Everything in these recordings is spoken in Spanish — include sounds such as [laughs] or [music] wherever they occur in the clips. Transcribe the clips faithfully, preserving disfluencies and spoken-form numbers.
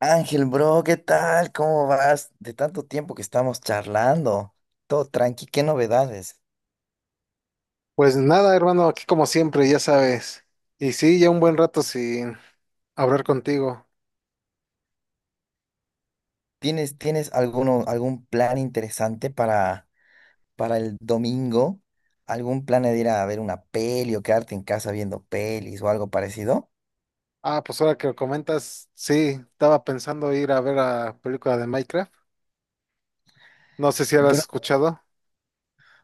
Ángel, bro, ¿qué tal? ¿Cómo vas? De tanto tiempo que estamos charlando. Todo tranqui, ¿qué novedades? Pues nada, hermano, aquí como siempre, ya sabes. Y sí, ya un buen rato sin hablar contigo. ¿Tienes, tienes alguno, algún plan interesante para, para el domingo? ¿Algún plan de ir a ver una peli o quedarte en casa viendo pelis o algo parecido? Ah, pues ahora que lo comentas, sí, estaba pensando ir a ver la película de Minecraft. No sé si la has Bro, escuchado.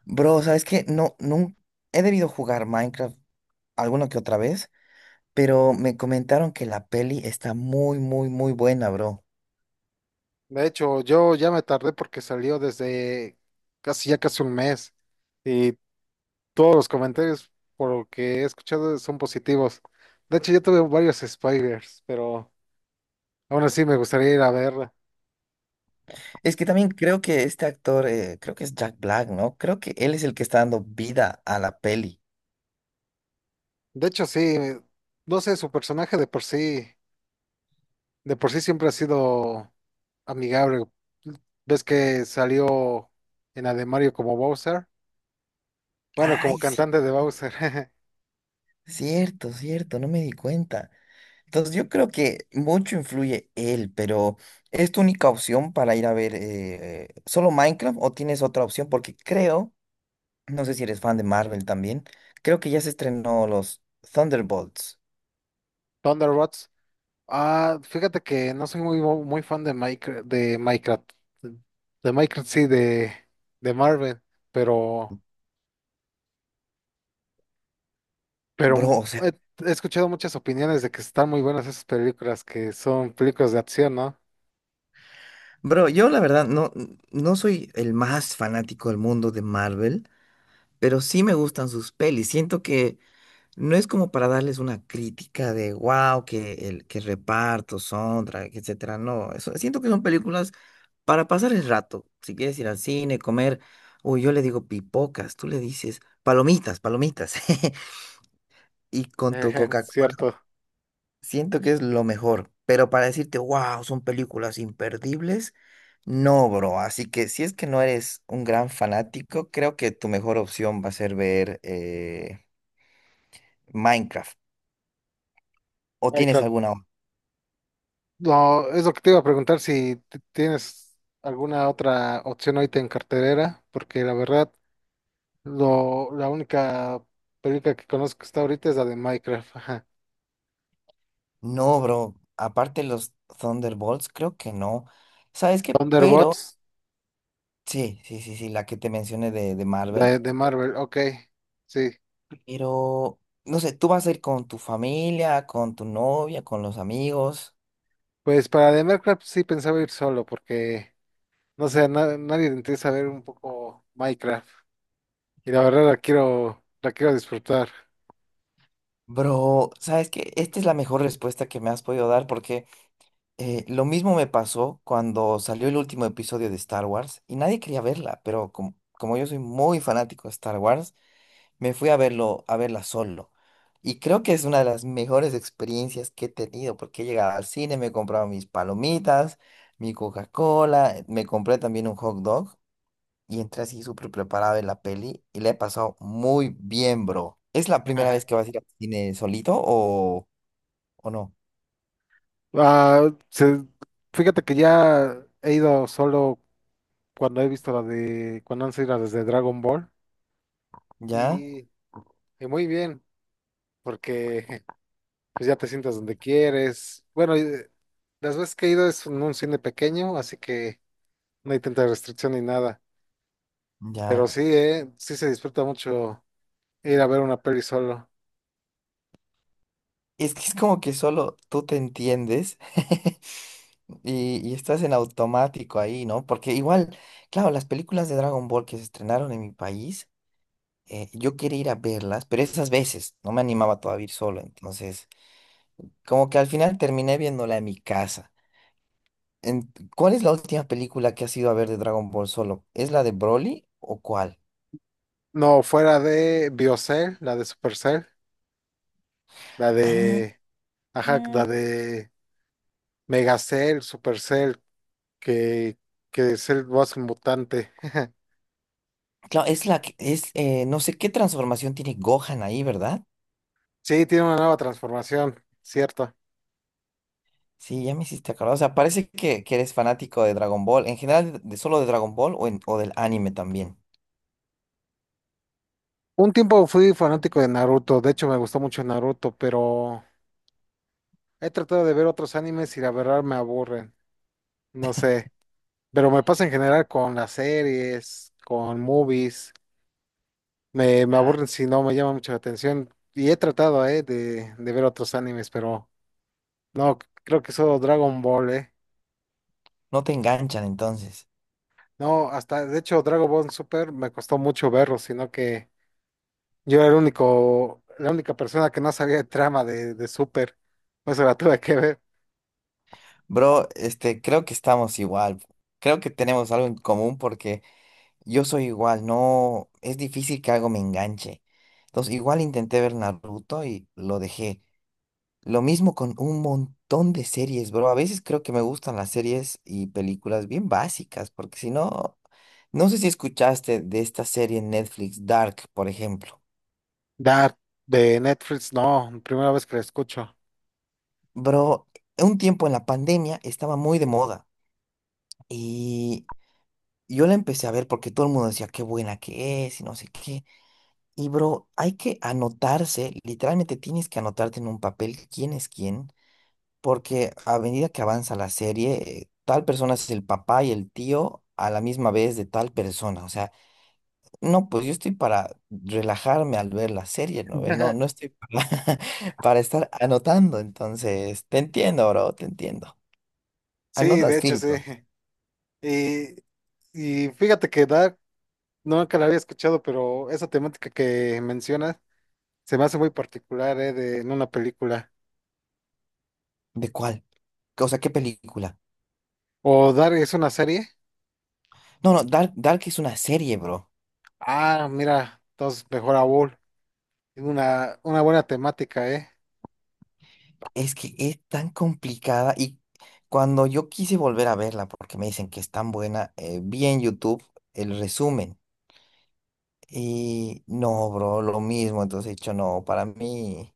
bro, ¿sabes qué? No, no, he debido jugar Minecraft alguna que otra vez, pero me comentaron que la peli está muy, muy, muy buena, bro. De hecho, yo ya me tardé porque salió desde casi ya casi un mes. Y todos los comentarios, por lo que he escuchado, son positivos. De hecho, yo tuve varios spoilers, pero aún así me gustaría ir a verla. Es que también creo que este actor, eh, creo que es Jack Black, ¿no? Creo que él es el que está dando vida a la peli. De hecho, sí, no sé, su personaje de por sí. De por sí siempre ha sido amigable. ¿Ves que salió en Ademario como Bowser? Bueno, como Ay, sí, cantante de Bowser. [laughs] cierto, cierto, no me di cuenta. Entonces yo creo que mucho influye él, pero ¿es tu única opción para ir a ver eh, solo Minecraft o tienes otra opción? Porque creo, no sé si eres fan de Marvel también, creo que ya se estrenó los Thunderbolts. Thunder, ah, fíjate que no soy muy, bo- muy fan de Minecraft, de Minecraft. De Minecraft, sí, de, de Marvel. Pero, pero Bro, o sea, he, he escuchado muchas opiniones de que están muy buenas esas películas, que son películas de acción, ¿no? [laughs] bro, yo la verdad no, no soy el más fanático del mundo de Marvel. Pero sí me gustan sus pelis. Siento que no es como para darles una crítica de wow, que el que reparto, soundtrack, etcétera. No, eso, siento que son películas para pasar el rato. Si quieres ir al cine, comer, uy, yo le digo pipocas, tú le dices palomitas, palomitas. [laughs] Y con tu Eh, Coca-Cola, cierto. siento que es lo mejor. Pero para decirte, wow, son películas imperdibles, no, bro. Así que si es que no eres un gran fanático, creo que tu mejor opción va a ser ver eh, Minecraft. ¿O tienes Minecraft. alguna otra? No, es lo que te iba a preguntar si t- tienes alguna otra opción ahorita en cartelera, porque la verdad, lo, la única película que conozco que está ahorita es la de Minecraft. Ajá. No, bro. Aparte los Thunderbolts, creo que no. ¿Sabes qué? Pero, Thunderbots sí, sí, sí, sí, la que te mencioné de, de Marvel. de, de Marvel, ok, sí. Pero, no sé, tú vas a ir con tu familia, con tu novia, con los amigos. Pues para de Minecraft sí pensaba ir solo, porque no sé, a na- nadie le interesa ver un poco Minecraft. Y la verdad la quiero, la quiero disfrutar. Bro, ¿sabes qué? Esta es la mejor respuesta que me has podido dar porque eh, lo mismo me pasó cuando salió el último episodio de Star Wars y nadie quería verla, pero como, como yo soy muy fanático de Star Wars, me fui a verlo, a verla solo. Y creo que es una de las mejores experiencias que he tenido, porque he llegado al cine, me he comprado mis palomitas, mi Coca-Cola, me compré también un hot dog y entré así súper preparado en la peli y le he pasado muy bien, bro. ¿Es la [laughs] primera vez Ajá. que vas a ir al cine solito o, o no? Ah, se- Fíjate que ya he ido solo cuando he visto la de, cuando han sido las desde Dragon Ball ¿Ya? y, y muy bien, porque [laughs] pues ya te sientas donde quieres. Bueno, y, eh, las veces que he ido es en un cine pequeño, así que no hay tanta restricción ni nada, pero Ya. sí, eh, sí se disfruta mucho ir a ver una peli solo. Es que es como que solo tú te entiendes. [laughs] Y, y estás en automático ahí, ¿no? Porque igual, claro, las películas de Dragon Ball que se estrenaron en mi país, eh, yo quería ir a verlas, pero esas veces no me animaba todavía a ir solo. Entonces, como que al final terminé viéndola en mi casa. En- ¿cuál es la última película que has ido a ver de Dragon Ball solo? ¿Es la de Broly o cuál? No, fuera de Biocell, la de Supercell, la Ah, de, ajá, ah, la de Megacell, Supercell, que, que es el boss mutante. [laughs] claro, es la que es, eh, no sé qué transformación tiene Gohan ahí, ¿verdad? Sí, tiene una nueva transformación, cierto. Sí, ya me hiciste acordar. O sea, parece que, que eres fanático de Dragon Ball. En general, de, de solo de Dragon Ball o, en- o del anime también. Un tiempo fui fanático de Naruto, de hecho me gustó mucho Naruto, pero he tratado de ver otros animes y la verdad me aburren, no sé, pero me pasa en general con las series, con movies, me, me Ah, aburren si no me llama mucho la atención y he tratado, eh, de, de ver otros animes, pero no, creo que solo Dragon Ball, eh. no te enganchan entonces. No, hasta, de hecho Dragon Ball Super me costó mucho verlo, sino que yo era el único, la única persona que no sabía de trama de, de Super, por eso la tuve que ver. Bro, este, creo que estamos igual. Creo que tenemos algo en común porque yo soy igual. No, es difícil que algo me enganche. Entonces, igual intenté ver Naruto y lo dejé. Lo mismo con un montón de series, bro. A veces creo que me gustan las series y películas bien básicas, porque si no, no sé si escuchaste de esta serie en Netflix, Dark, por ejemplo. Dark de Netflix, no, primera vez que la escucho. Bro, un tiempo en la pandemia estaba muy de moda y yo la empecé a ver porque todo el mundo decía qué buena que es y no sé qué. Y bro, hay que anotarse, literalmente tienes que anotarte en un papel quién es quién. Porque a medida que avanza la serie, eh, tal persona es el papá y el tío a la misma vez de tal persona. O sea, no, pues yo estoy para relajarme al ver la serie, ¿no? ¿Ve? No, no [laughs] estoy para, [laughs] para estar anotando. Entonces, te entiendo, bro, te entiendo. Sí, de Anotas hecho, film, sí. bro. Y, y fíjate que Dark nunca la había escuchado, pero esa temática que mencionas se me hace muy particular, ¿eh? De, en una película. ¿De cuál? O sea, ¿qué película? ¿O Dark es una serie? No, no, Dark, Dark es una serie, bro. Ah, mira, entonces mejor aún. Tiene Una, una buena temática, ¿eh? Es que es tan complicada y cuando yo quise volver a verla, porque me dicen que es tan buena, eh, vi en YouTube el resumen. Y no, bro, lo mismo. Entonces he dicho, no, para mí,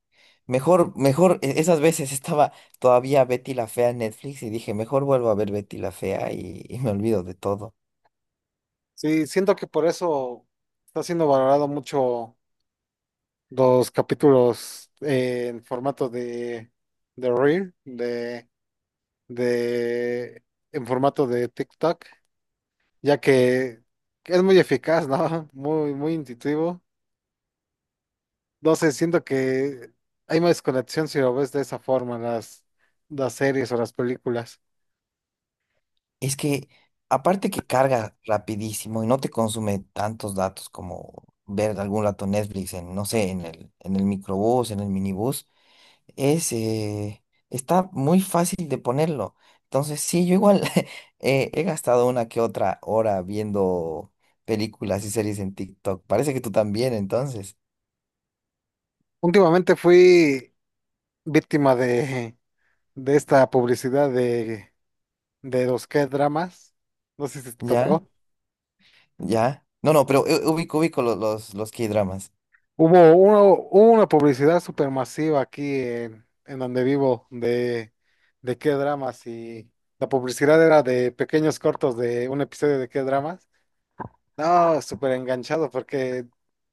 mejor, mejor, e- esas veces estaba todavía Betty la Fea en Netflix y dije, mejor vuelvo a ver Betty la Fea y, y me olvido de todo. Sí, siento que por eso está siendo valorado mucho los capítulos eh, en formato de, de Reel, de en formato de TikTok, ya que es muy eficaz, ¿no? [laughs] Muy, muy intuitivo. No sé, siento que hay más conexión si lo ves de esa forma, las, las series o las películas. Es que, aparte que carga rapidísimo y no te consume tantos datos como ver algún rato Netflix en, no sé, en el, en el microbús, en el minibús. Es, eh, está muy fácil de ponerlo. Entonces, sí, yo igual [laughs] eh, he gastado una que otra hora viendo películas y series en TikTok. Parece que tú también, entonces. Últimamente fui víctima de, de esta publicidad de, de los K-dramas. No sé si te ¿Ya? tocó. ¿Ya? No, no, pero eh, ubico, ubico lo- los, los K-dramas. Hubo uno- hubo una publicidad supermasiva aquí en, en donde vivo de, de qué dramas y la publicidad era de pequeños cortos de un episodio de qué dramas. No, súper enganchado porque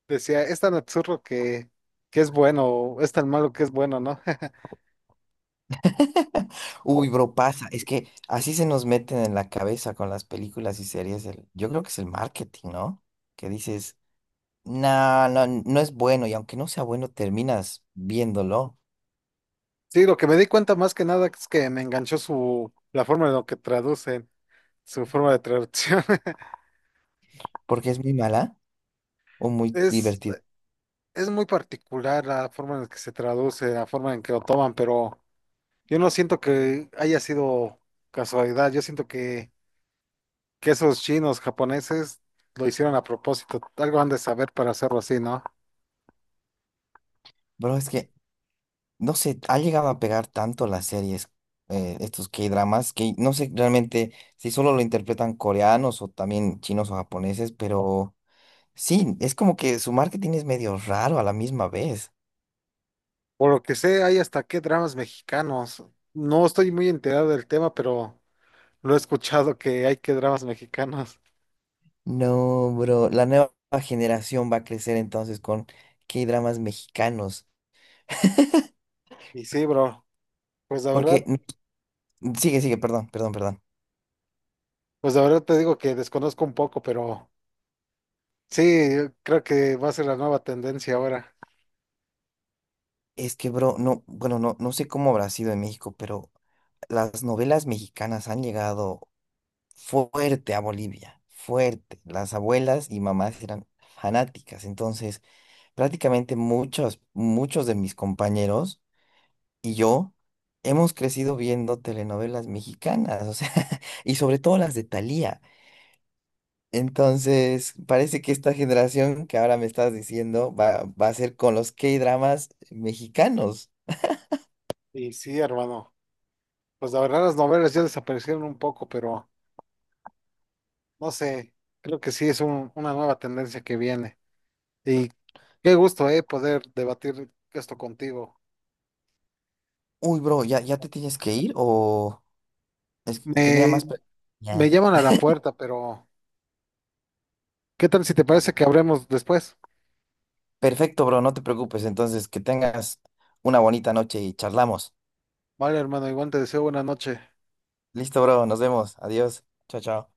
decía, es tan absurdo que, que es bueno, es tan malo que es bueno, ¿no? [laughs] [laughs] O- Uy, bro, pasa. Es que así se nos meten en la cabeza con las películas y series. El- yo creo que es el marketing, ¿no? Que dices, no, no, no es bueno. Y aunque no sea bueno, terminas viéndolo Sí, lo que me di cuenta más que nada es que me enganchó su, la forma en lo que traducen, su forma de traducción. [laughs] porque es muy mala. O muy Es, divertido. es muy particular la forma en la que se traduce, la forma en que lo toman, pero... Yo no siento que haya sido casualidad, yo siento que, que esos chinos japoneses lo hicieron a propósito, algo han de saber para hacerlo así, ¿no? Pero es que, no sé, ha llegado a pegar tanto las series, eh, estos K-dramas, que no sé realmente si solo lo interpretan coreanos o también chinos o japoneses, pero sí, es como que su marketing es medio raro a la misma vez. Por lo que sé, hay hasta qué dramas mexicanos. No estoy muy enterado del tema, pero lo he escuchado que hay que dramas mexicanos. No, bro, la nueva generación va a crecer entonces con K-dramas mexicanos, Y sí, bro, pues la porque, verdad, n- sigue, sigue, perdón, perdón, perdón. pues la verdad te digo que desconozco un poco, pero sí, creo que va a ser la nueva tendencia ahora. Es que, bro, no, bueno, no, no sé cómo habrá sido en México, pero las novelas mexicanas han llegado fuerte a Bolivia, fuerte. Las abuelas y mamás eran fanáticas, entonces prácticamente muchos, muchos de mis compañeros y yo hemos crecido viendo telenovelas mexicanas, o sea, [laughs] y sobre todo las de Thalía. Entonces, parece que esta generación que ahora me estás diciendo va, va a ser con los K-dramas mexicanos. Y sí, hermano, pues la verdad las novelas ya desaparecieron un poco, pero... No sé, creo que sí es un- una nueva tendencia que viene. Y qué gusto, eh, poder debatir esto contigo. Uy, bro, ¿ya, ya te tienes que ir o es- tenía Me, más... pre- Me Ya. llaman a la puerta, pero ¿qué tal si te parece que hablemos después? Perfecto, bro, no te preocupes. Entonces, que tengas una bonita noche y charlamos. Vale, hermano, igual te deseo buena noche. Listo, bro, nos vemos. Adiós. Chao, chao.